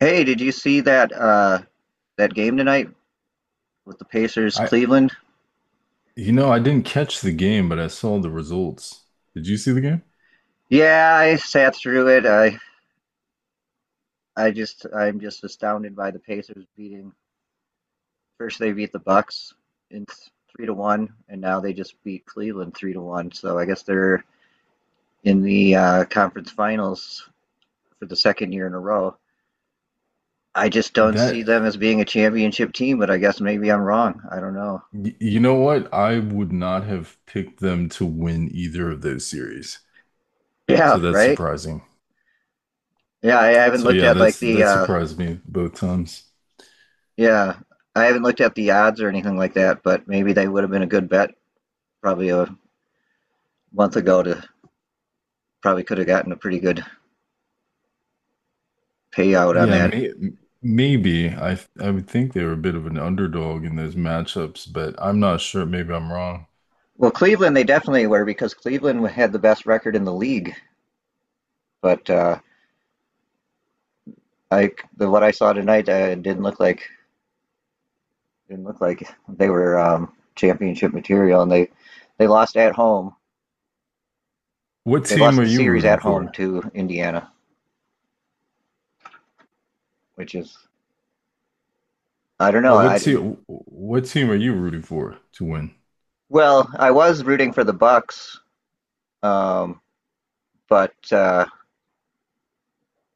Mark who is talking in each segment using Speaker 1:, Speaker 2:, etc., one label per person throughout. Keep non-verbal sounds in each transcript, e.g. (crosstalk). Speaker 1: Hey, did you see that that game tonight with the Pacers
Speaker 2: I,
Speaker 1: Cleveland?
Speaker 2: you know, I didn't catch the game, but I saw the results. Did you see the game?
Speaker 1: Yeah, I sat through it. I'm just astounded by the Pacers beating. First they beat the Bucks in 3-1, and now they just beat Cleveland 3-1. So I guess they're in the conference finals for the second year in a row. I just don't see
Speaker 2: That,
Speaker 1: them as being a championship team, but I guess maybe I'm wrong. I don't know.
Speaker 2: you know what? I would not have picked them to win either of those series.
Speaker 1: Yeah,
Speaker 2: So that's
Speaker 1: right?
Speaker 2: surprising.
Speaker 1: Yeah, I haven't
Speaker 2: So
Speaker 1: looked
Speaker 2: yeah,
Speaker 1: at like
Speaker 2: that's
Speaker 1: the
Speaker 2: that
Speaker 1: uh
Speaker 2: surprised me both times.
Speaker 1: Yeah, I haven't looked up the odds or anything like that, but maybe they would have been a good bet, probably a month ago, to probably could have gotten a pretty good payout on
Speaker 2: Yeah,
Speaker 1: that.
Speaker 2: maybe I would think they were a bit of an underdog in those matchups, but I'm not sure. Maybe I'm wrong.
Speaker 1: Well, Cleveland they definitely were because Cleveland had the best record in the league, but I the what I saw tonight didn't look like they were championship material, and they lost at home.
Speaker 2: What
Speaker 1: They
Speaker 2: team
Speaker 1: lost
Speaker 2: are
Speaker 1: the
Speaker 2: you
Speaker 1: series
Speaker 2: rooting
Speaker 1: at home
Speaker 2: for?
Speaker 1: to Indiana, which is, I don't know.
Speaker 2: Oh, what
Speaker 1: I
Speaker 2: team? What team are you rooting for to win?
Speaker 1: well, I was rooting for the Bucks, um, but.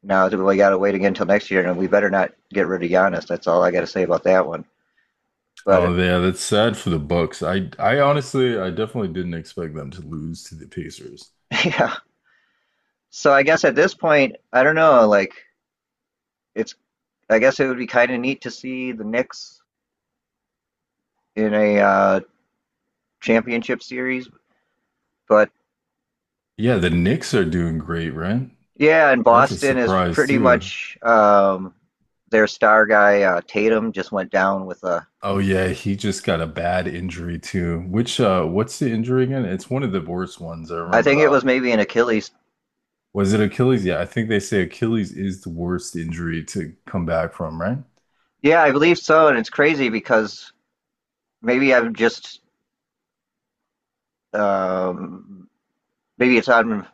Speaker 1: Now we got to wait again until next year, and we better not get rid of Giannis. That's all I got to say about that one.
Speaker 2: Oh
Speaker 1: But
Speaker 2: yeah, that's sad for the Bucks. I honestly I definitely didn't expect them to lose to the Pacers.
Speaker 1: (laughs) yeah, so I guess at this point, I don't know. Like, it's, I guess it would be kind of neat to see the Knicks in a championship series. But
Speaker 2: Yeah, the Knicks are doing great, right?
Speaker 1: yeah, and
Speaker 2: That's a
Speaker 1: Boston is
Speaker 2: surprise
Speaker 1: pretty
Speaker 2: too.
Speaker 1: much their star guy Tatum just went down with a.
Speaker 2: Oh yeah, he just got a bad injury too. Which what's the injury again? It's one of the worst ones. I
Speaker 1: I
Speaker 2: remember
Speaker 1: think it
Speaker 2: that.
Speaker 1: was maybe an Achilles.
Speaker 2: Was it Achilles? Yeah, I think they say Achilles is the worst injury to come back from, right?
Speaker 1: Yeah, I believe so, and it's crazy because maybe I'm just um, maybe it's on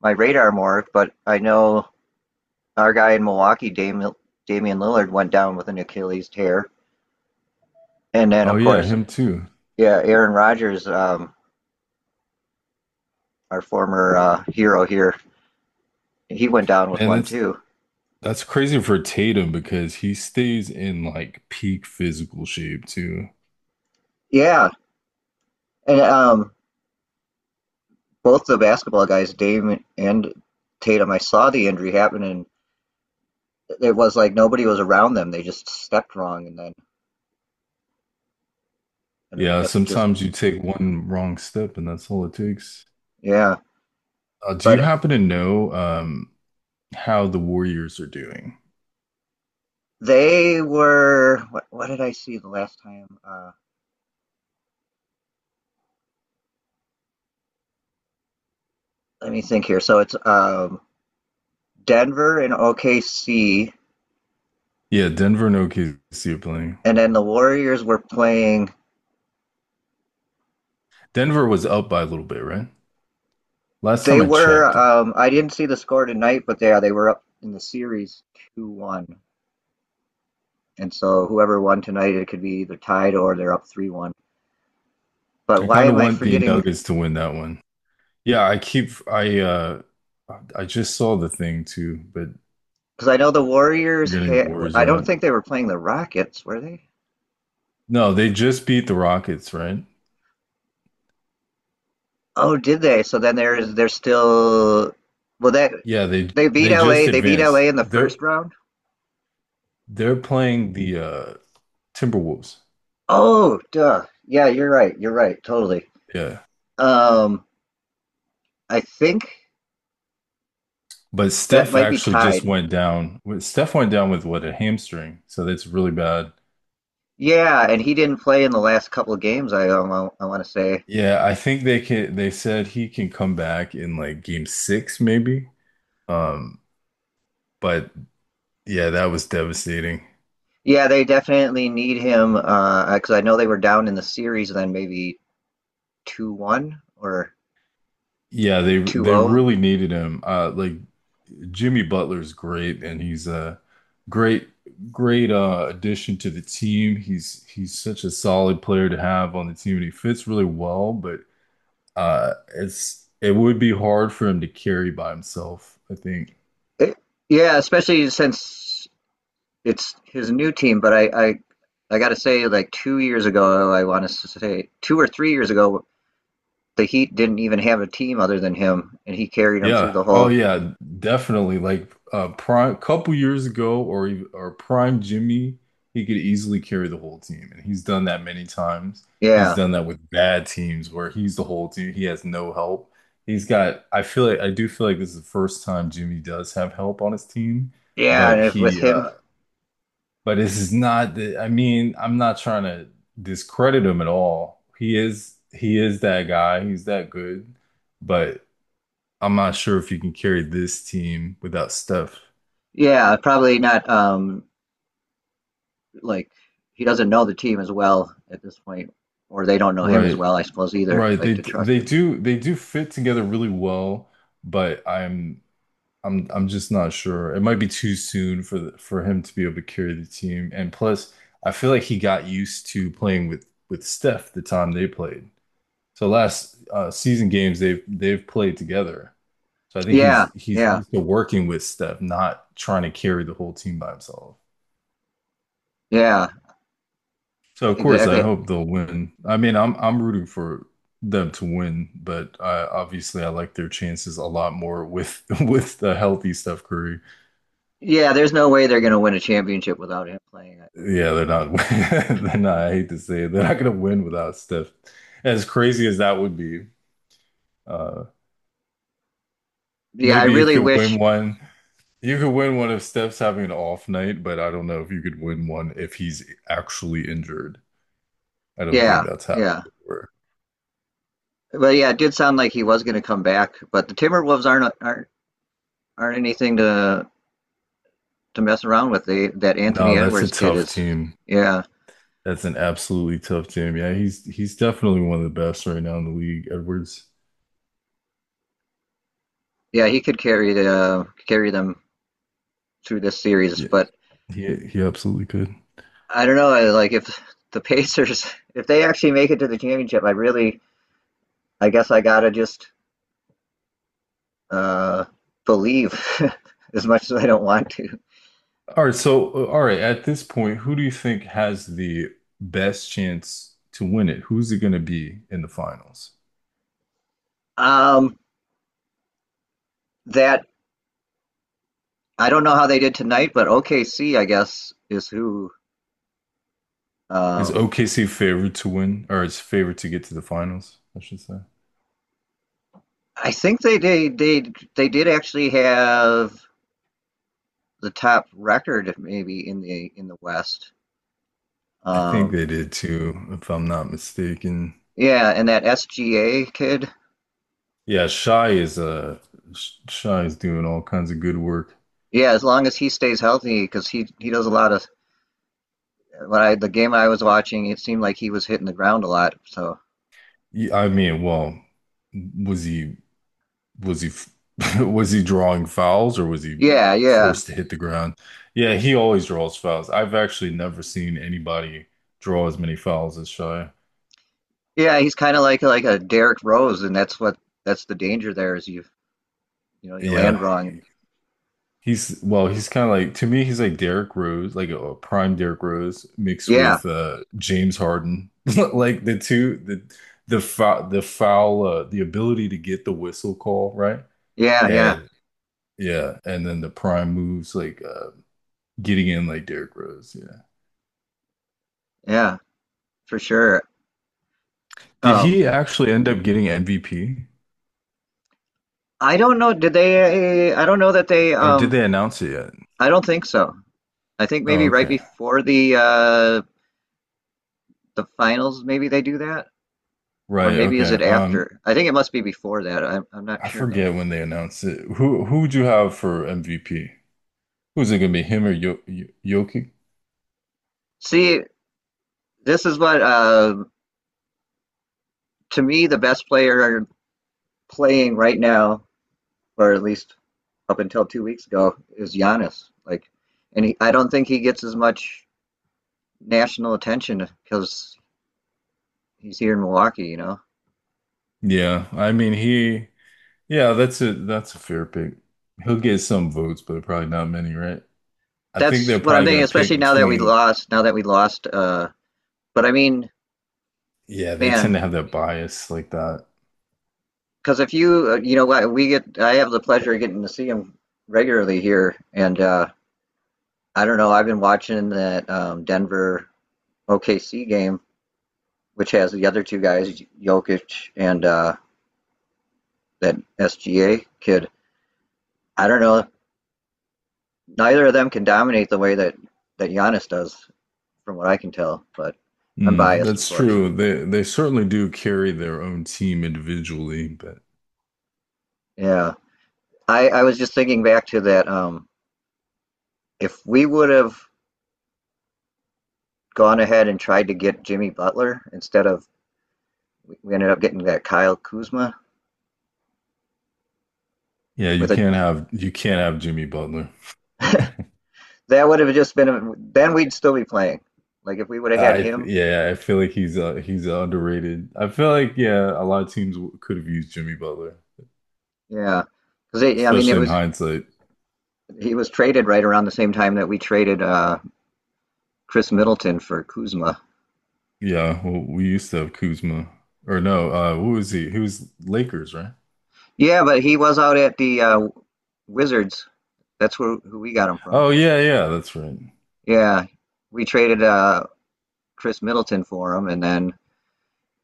Speaker 1: my radar more, but I know our guy in Milwaukee, Damian Lillard, went down with an Achilles tear. And then,
Speaker 2: Oh
Speaker 1: of
Speaker 2: yeah,
Speaker 1: course,
Speaker 2: him too.
Speaker 1: yeah, Aaron Rodgers, our former hero here, he went down with
Speaker 2: And
Speaker 1: one
Speaker 2: that's
Speaker 1: too.
Speaker 2: that's crazy for Tatum because he stays in like peak physical shape too.
Speaker 1: Yeah, and both the basketball guys, Dame and Tatum, I saw the injury happen, and it was like nobody was around them. They just stepped wrong, and then I
Speaker 2: Yeah,
Speaker 1: guess it just
Speaker 2: sometimes you take one wrong step and that's all it takes.
Speaker 1: yeah.
Speaker 2: Do you
Speaker 1: But
Speaker 2: happen to know how the Warriors are doing?
Speaker 1: they were what? What did I see the last time? Let me think here. So it's Denver and OKC,
Speaker 2: Yeah, Denver and OKC are playing.
Speaker 1: and then the Warriors were playing.
Speaker 2: Denver was up by a little bit, right? Last time
Speaker 1: They
Speaker 2: I
Speaker 1: were.
Speaker 2: checked,
Speaker 1: I didn't see the score tonight, but yeah, they were up in the series 2-1, and so whoever won tonight, it could be either tied or they're up 3-1. But
Speaker 2: I
Speaker 1: why
Speaker 2: kind of
Speaker 1: am I
Speaker 2: want the
Speaker 1: forgetting?
Speaker 2: Nuggets to win that one. Yeah, I keep I just saw the thing too, but
Speaker 1: Because I know the Warriors
Speaker 2: forgetting the
Speaker 1: had,
Speaker 2: Warriors
Speaker 1: I
Speaker 2: are
Speaker 1: don't
Speaker 2: up.
Speaker 1: think they were playing the Rockets, were they?
Speaker 2: No, they just beat the Rockets, right?
Speaker 1: Oh, did they? So then there's they're still. Well, that
Speaker 2: Yeah, they
Speaker 1: they beat
Speaker 2: they just
Speaker 1: LA. They beat LA
Speaker 2: advanced.
Speaker 1: in the
Speaker 2: They're
Speaker 1: first round.
Speaker 2: they're playing the Timberwolves.
Speaker 1: Oh, duh. Yeah, you're right. You're right. Totally.
Speaker 2: Yeah.
Speaker 1: Um, I think
Speaker 2: But
Speaker 1: that
Speaker 2: Steph
Speaker 1: might be
Speaker 2: actually just
Speaker 1: tied.
Speaker 2: went down. Steph went down with what, a hamstring. So that's really bad.
Speaker 1: Yeah, and he didn't play in the last couple of games. I want to say.
Speaker 2: Yeah, I think they said he can come back in like game six, maybe. Um, but yeah, that was devastating.
Speaker 1: Yeah, they definitely need him because I know they were down in the series, then maybe 2-1 or
Speaker 2: Yeah, they
Speaker 1: two
Speaker 2: they
Speaker 1: zero.
Speaker 2: really needed him. Like Jimmy Butler's great and he's a great great addition to the team. He's such a solid player to have on the team and he fits really well, but it would be hard for him to carry by himself, I think.
Speaker 1: Yeah, especially since it's his new team. But I gotta say, like 2 years ago, I want to say 2 or 3 years ago, the Heat didn't even have a team other than him, and he carried them through
Speaker 2: Yeah.
Speaker 1: the
Speaker 2: Oh
Speaker 1: whole.
Speaker 2: yeah, definitely. Like prime couple years ago or prime Jimmy, he could easily carry the whole team and he's done that many times. He's
Speaker 1: Yeah,
Speaker 2: done that with bad teams where he's the whole team. He has no help. He's got I feel like I do feel like this is the first time Jimmy does have help on his team,
Speaker 1: yeah,
Speaker 2: but
Speaker 1: and if with
Speaker 2: he
Speaker 1: him.
Speaker 2: uh but this is not the, I mean, I'm not trying to discredit him at all. He is that guy. He's that good. But I'm not sure if you can carry this team without Steph.
Speaker 1: Yeah, probably not. Like, he doesn't know the team as well at this point, or they don't know him as
Speaker 2: Right.
Speaker 1: well, I suppose either.
Speaker 2: Right.
Speaker 1: Like,
Speaker 2: They
Speaker 1: to trust
Speaker 2: they
Speaker 1: him.
Speaker 2: do they do fit together really well, but I'm just not sure. It might be too soon for for him to be able to carry the team. And plus, I feel like he got used to playing with Steph the time they played. So last season games they've played together. So I think
Speaker 1: Yeah,
Speaker 2: he's
Speaker 1: yeah,
Speaker 2: used to working with Steph, not trying to carry the whole team by himself.
Speaker 1: yeah,
Speaker 2: So of course I
Speaker 1: exactly.
Speaker 2: hope they'll win. I'm rooting for them to win, but obviously I like their chances a lot more with (laughs) with the healthy Steph Curry.
Speaker 1: Yeah, there's no way they're going to win a championship without him playing. I would
Speaker 2: Yeah, they're
Speaker 1: say.
Speaker 2: not (laughs) they're not. I hate to say it, they're not going to win without Steph. As crazy as that would be, uh,
Speaker 1: Yeah, I
Speaker 2: maybe
Speaker 1: really wish.
Speaker 2: you could win one if Steph's having an off night, but I don't know if you could win one if he's actually injured. I don't think
Speaker 1: Yeah,
Speaker 2: that's happened
Speaker 1: yeah,
Speaker 2: before.
Speaker 1: but yeah, it did sound like he was going to come back. But the Timberwolves aren't anything to mess around with. They, that
Speaker 2: No,
Speaker 1: Anthony
Speaker 2: that's a
Speaker 1: Edwards kid
Speaker 2: tough
Speaker 1: is.
Speaker 2: team.
Speaker 1: Yeah,
Speaker 2: That's an absolutely tough team. Yeah, he's definitely one of the best right now in the league, Edwards.
Speaker 1: yeah, he could carry them through this series,
Speaker 2: Yeah,
Speaker 1: but
Speaker 2: he absolutely could.
Speaker 1: I don't know. Like, if the (laughs) Pacers, if they actually make it to the championship, I really, I guess I gotta just uh, believe, (laughs) as much as I don't want to.
Speaker 2: All right, so at this point, who do you think has the best chance to win it? Who's it going to be in the finals?
Speaker 1: Um, that I don't know how they did tonight, but OKC, I guess, is who.
Speaker 2: Is
Speaker 1: Um,
Speaker 2: OKC favored to win, or is favored to get to the finals, I should say?
Speaker 1: I think they did actually have the top record maybe in the West.
Speaker 2: I think
Speaker 1: Um,
Speaker 2: they did too, if I'm not mistaken.
Speaker 1: yeah, and that SGA kid.
Speaker 2: Yeah, Shy is doing all kinds of good work.
Speaker 1: Yeah, as long as he stays healthy, because he does a lot of. When I the game I was watching, it seemed like he was hitting the ground a lot. So
Speaker 2: I mean, well, was he? was he f- (laughs) was he drawing fouls or was he
Speaker 1: yeah, yeah,
Speaker 2: forced to hit the ground? Yeah, he always draws fouls. I've actually never seen anybody draw as many fouls as Shai.
Speaker 1: yeah. He's kind of like a Derrick Rose, and that's the danger there is, you land
Speaker 2: Yeah,
Speaker 1: wrong. And
Speaker 2: he's well, he's kind of like to me, he's like Derrick Rose, like a prime Derrick Rose mixed
Speaker 1: yeah,
Speaker 2: with James Harden. (laughs) Like the the foul the ability to get the whistle call, right?
Speaker 1: yeah, yeah,
Speaker 2: And yeah, and then the prime moves like getting in like Derrick Rose. Yeah.
Speaker 1: yeah, for sure.
Speaker 2: Did
Speaker 1: Um,
Speaker 2: he actually end up getting MVP?
Speaker 1: I don't know. Did they? I don't know that they.
Speaker 2: Or did they announce it yet?
Speaker 1: I don't think so. I think
Speaker 2: Oh,
Speaker 1: maybe right
Speaker 2: okay.
Speaker 1: before the finals, maybe they do that, or
Speaker 2: Right,
Speaker 1: maybe is
Speaker 2: okay.
Speaker 1: it after? I think it must be before that. I'm not
Speaker 2: I
Speaker 1: sure though.
Speaker 2: forget when they announced it. Who would you have for MVP? Who's it gonna be? Him or Jokic?
Speaker 1: See, this is what to me, the best player playing right now, or at least up until 2 weeks ago, is Giannis. Like, and he, I don't think he gets as much national attention because he's here in Milwaukee. You know,
Speaker 2: Yeah, I mean he yeah, that's a fair pick. He'll get some votes, but probably not many, right? I think
Speaker 1: that's
Speaker 2: they're
Speaker 1: what I'm
Speaker 2: probably
Speaker 1: thinking.
Speaker 2: gonna pick
Speaker 1: Especially now that we
Speaker 2: between
Speaker 1: lost, now that we lost. But I mean,
Speaker 2: yeah, they
Speaker 1: man,
Speaker 2: tend to have that bias like that.
Speaker 1: because if you, what we get, I have the pleasure of getting to see him regularly here, and I don't know. I've been watching that Denver OKC game, which has the other two guys, Jokic and. That SGA kid. I don't know. Neither of them can dominate the way that Giannis does, from what I can tell. But I'm
Speaker 2: Mm,
Speaker 1: biased, of
Speaker 2: that's
Speaker 1: course.
Speaker 2: true. They certainly do carry their own team individually, but
Speaker 1: Yeah, I was just thinking back to that. If we would have gone ahead and tried to get Jimmy Butler, instead of, we ended up getting that Kyle Kuzma
Speaker 2: yeah,
Speaker 1: with a
Speaker 2: you can't have Jimmy Butler.
Speaker 1: (laughs) that would have just been a, then we'd still be playing. Like, if we would have had
Speaker 2: I
Speaker 1: him,
Speaker 2: Yeah, I feel like he's underrated. I feel like yeah, a lot of teams could have used Jimmy Butler,
Speaker 1: yeah, because I mean it
Speaker 2: especially in
Speaker 1: was
Speaker 2: hindsight.
Speaker 1: he was traded right around the same time that we traded Chris Middleton for Kuzma.
Speaker 2: Yeah, well, we used to have Kuzma, or no, who was he? He was Lakers, right?
Speaker 1: Yeah, but he was out at the Wizards. That's where who we got him from.
Speaker 2: Oh yeah, yeah, that's right.
Speaker 1: Yeah, we traded Chris Middleton for him, and then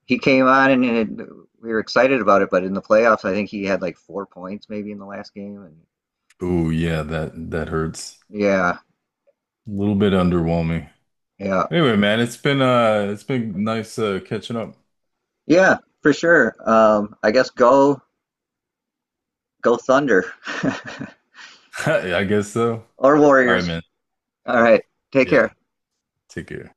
Speaker 1: he came on, and, it, we were excited about it. But in the playoffs, I think he had like 4 points maybe in the last game. And
Speaker 2: Oh yeah, that that hurts.
Speaker 1: yeah,
Speaker 2: A little bit underwhelming.
Speaker 1: yeah,
Speaker 2: Anyway, man, it's been nice catching up.
Speaker 1: yeah, for sure. I guess go Thunder (laughs)
Speaker 2: (laughs) I guess so.
Speaker 1: or
Speaker 2: All right,
Speaker 1: Warriors.
Speaker 2: man.
Speaker 1: All right, take
Speaker 2: Yeah,
Speaker 1: care.
Speaker 2: take care.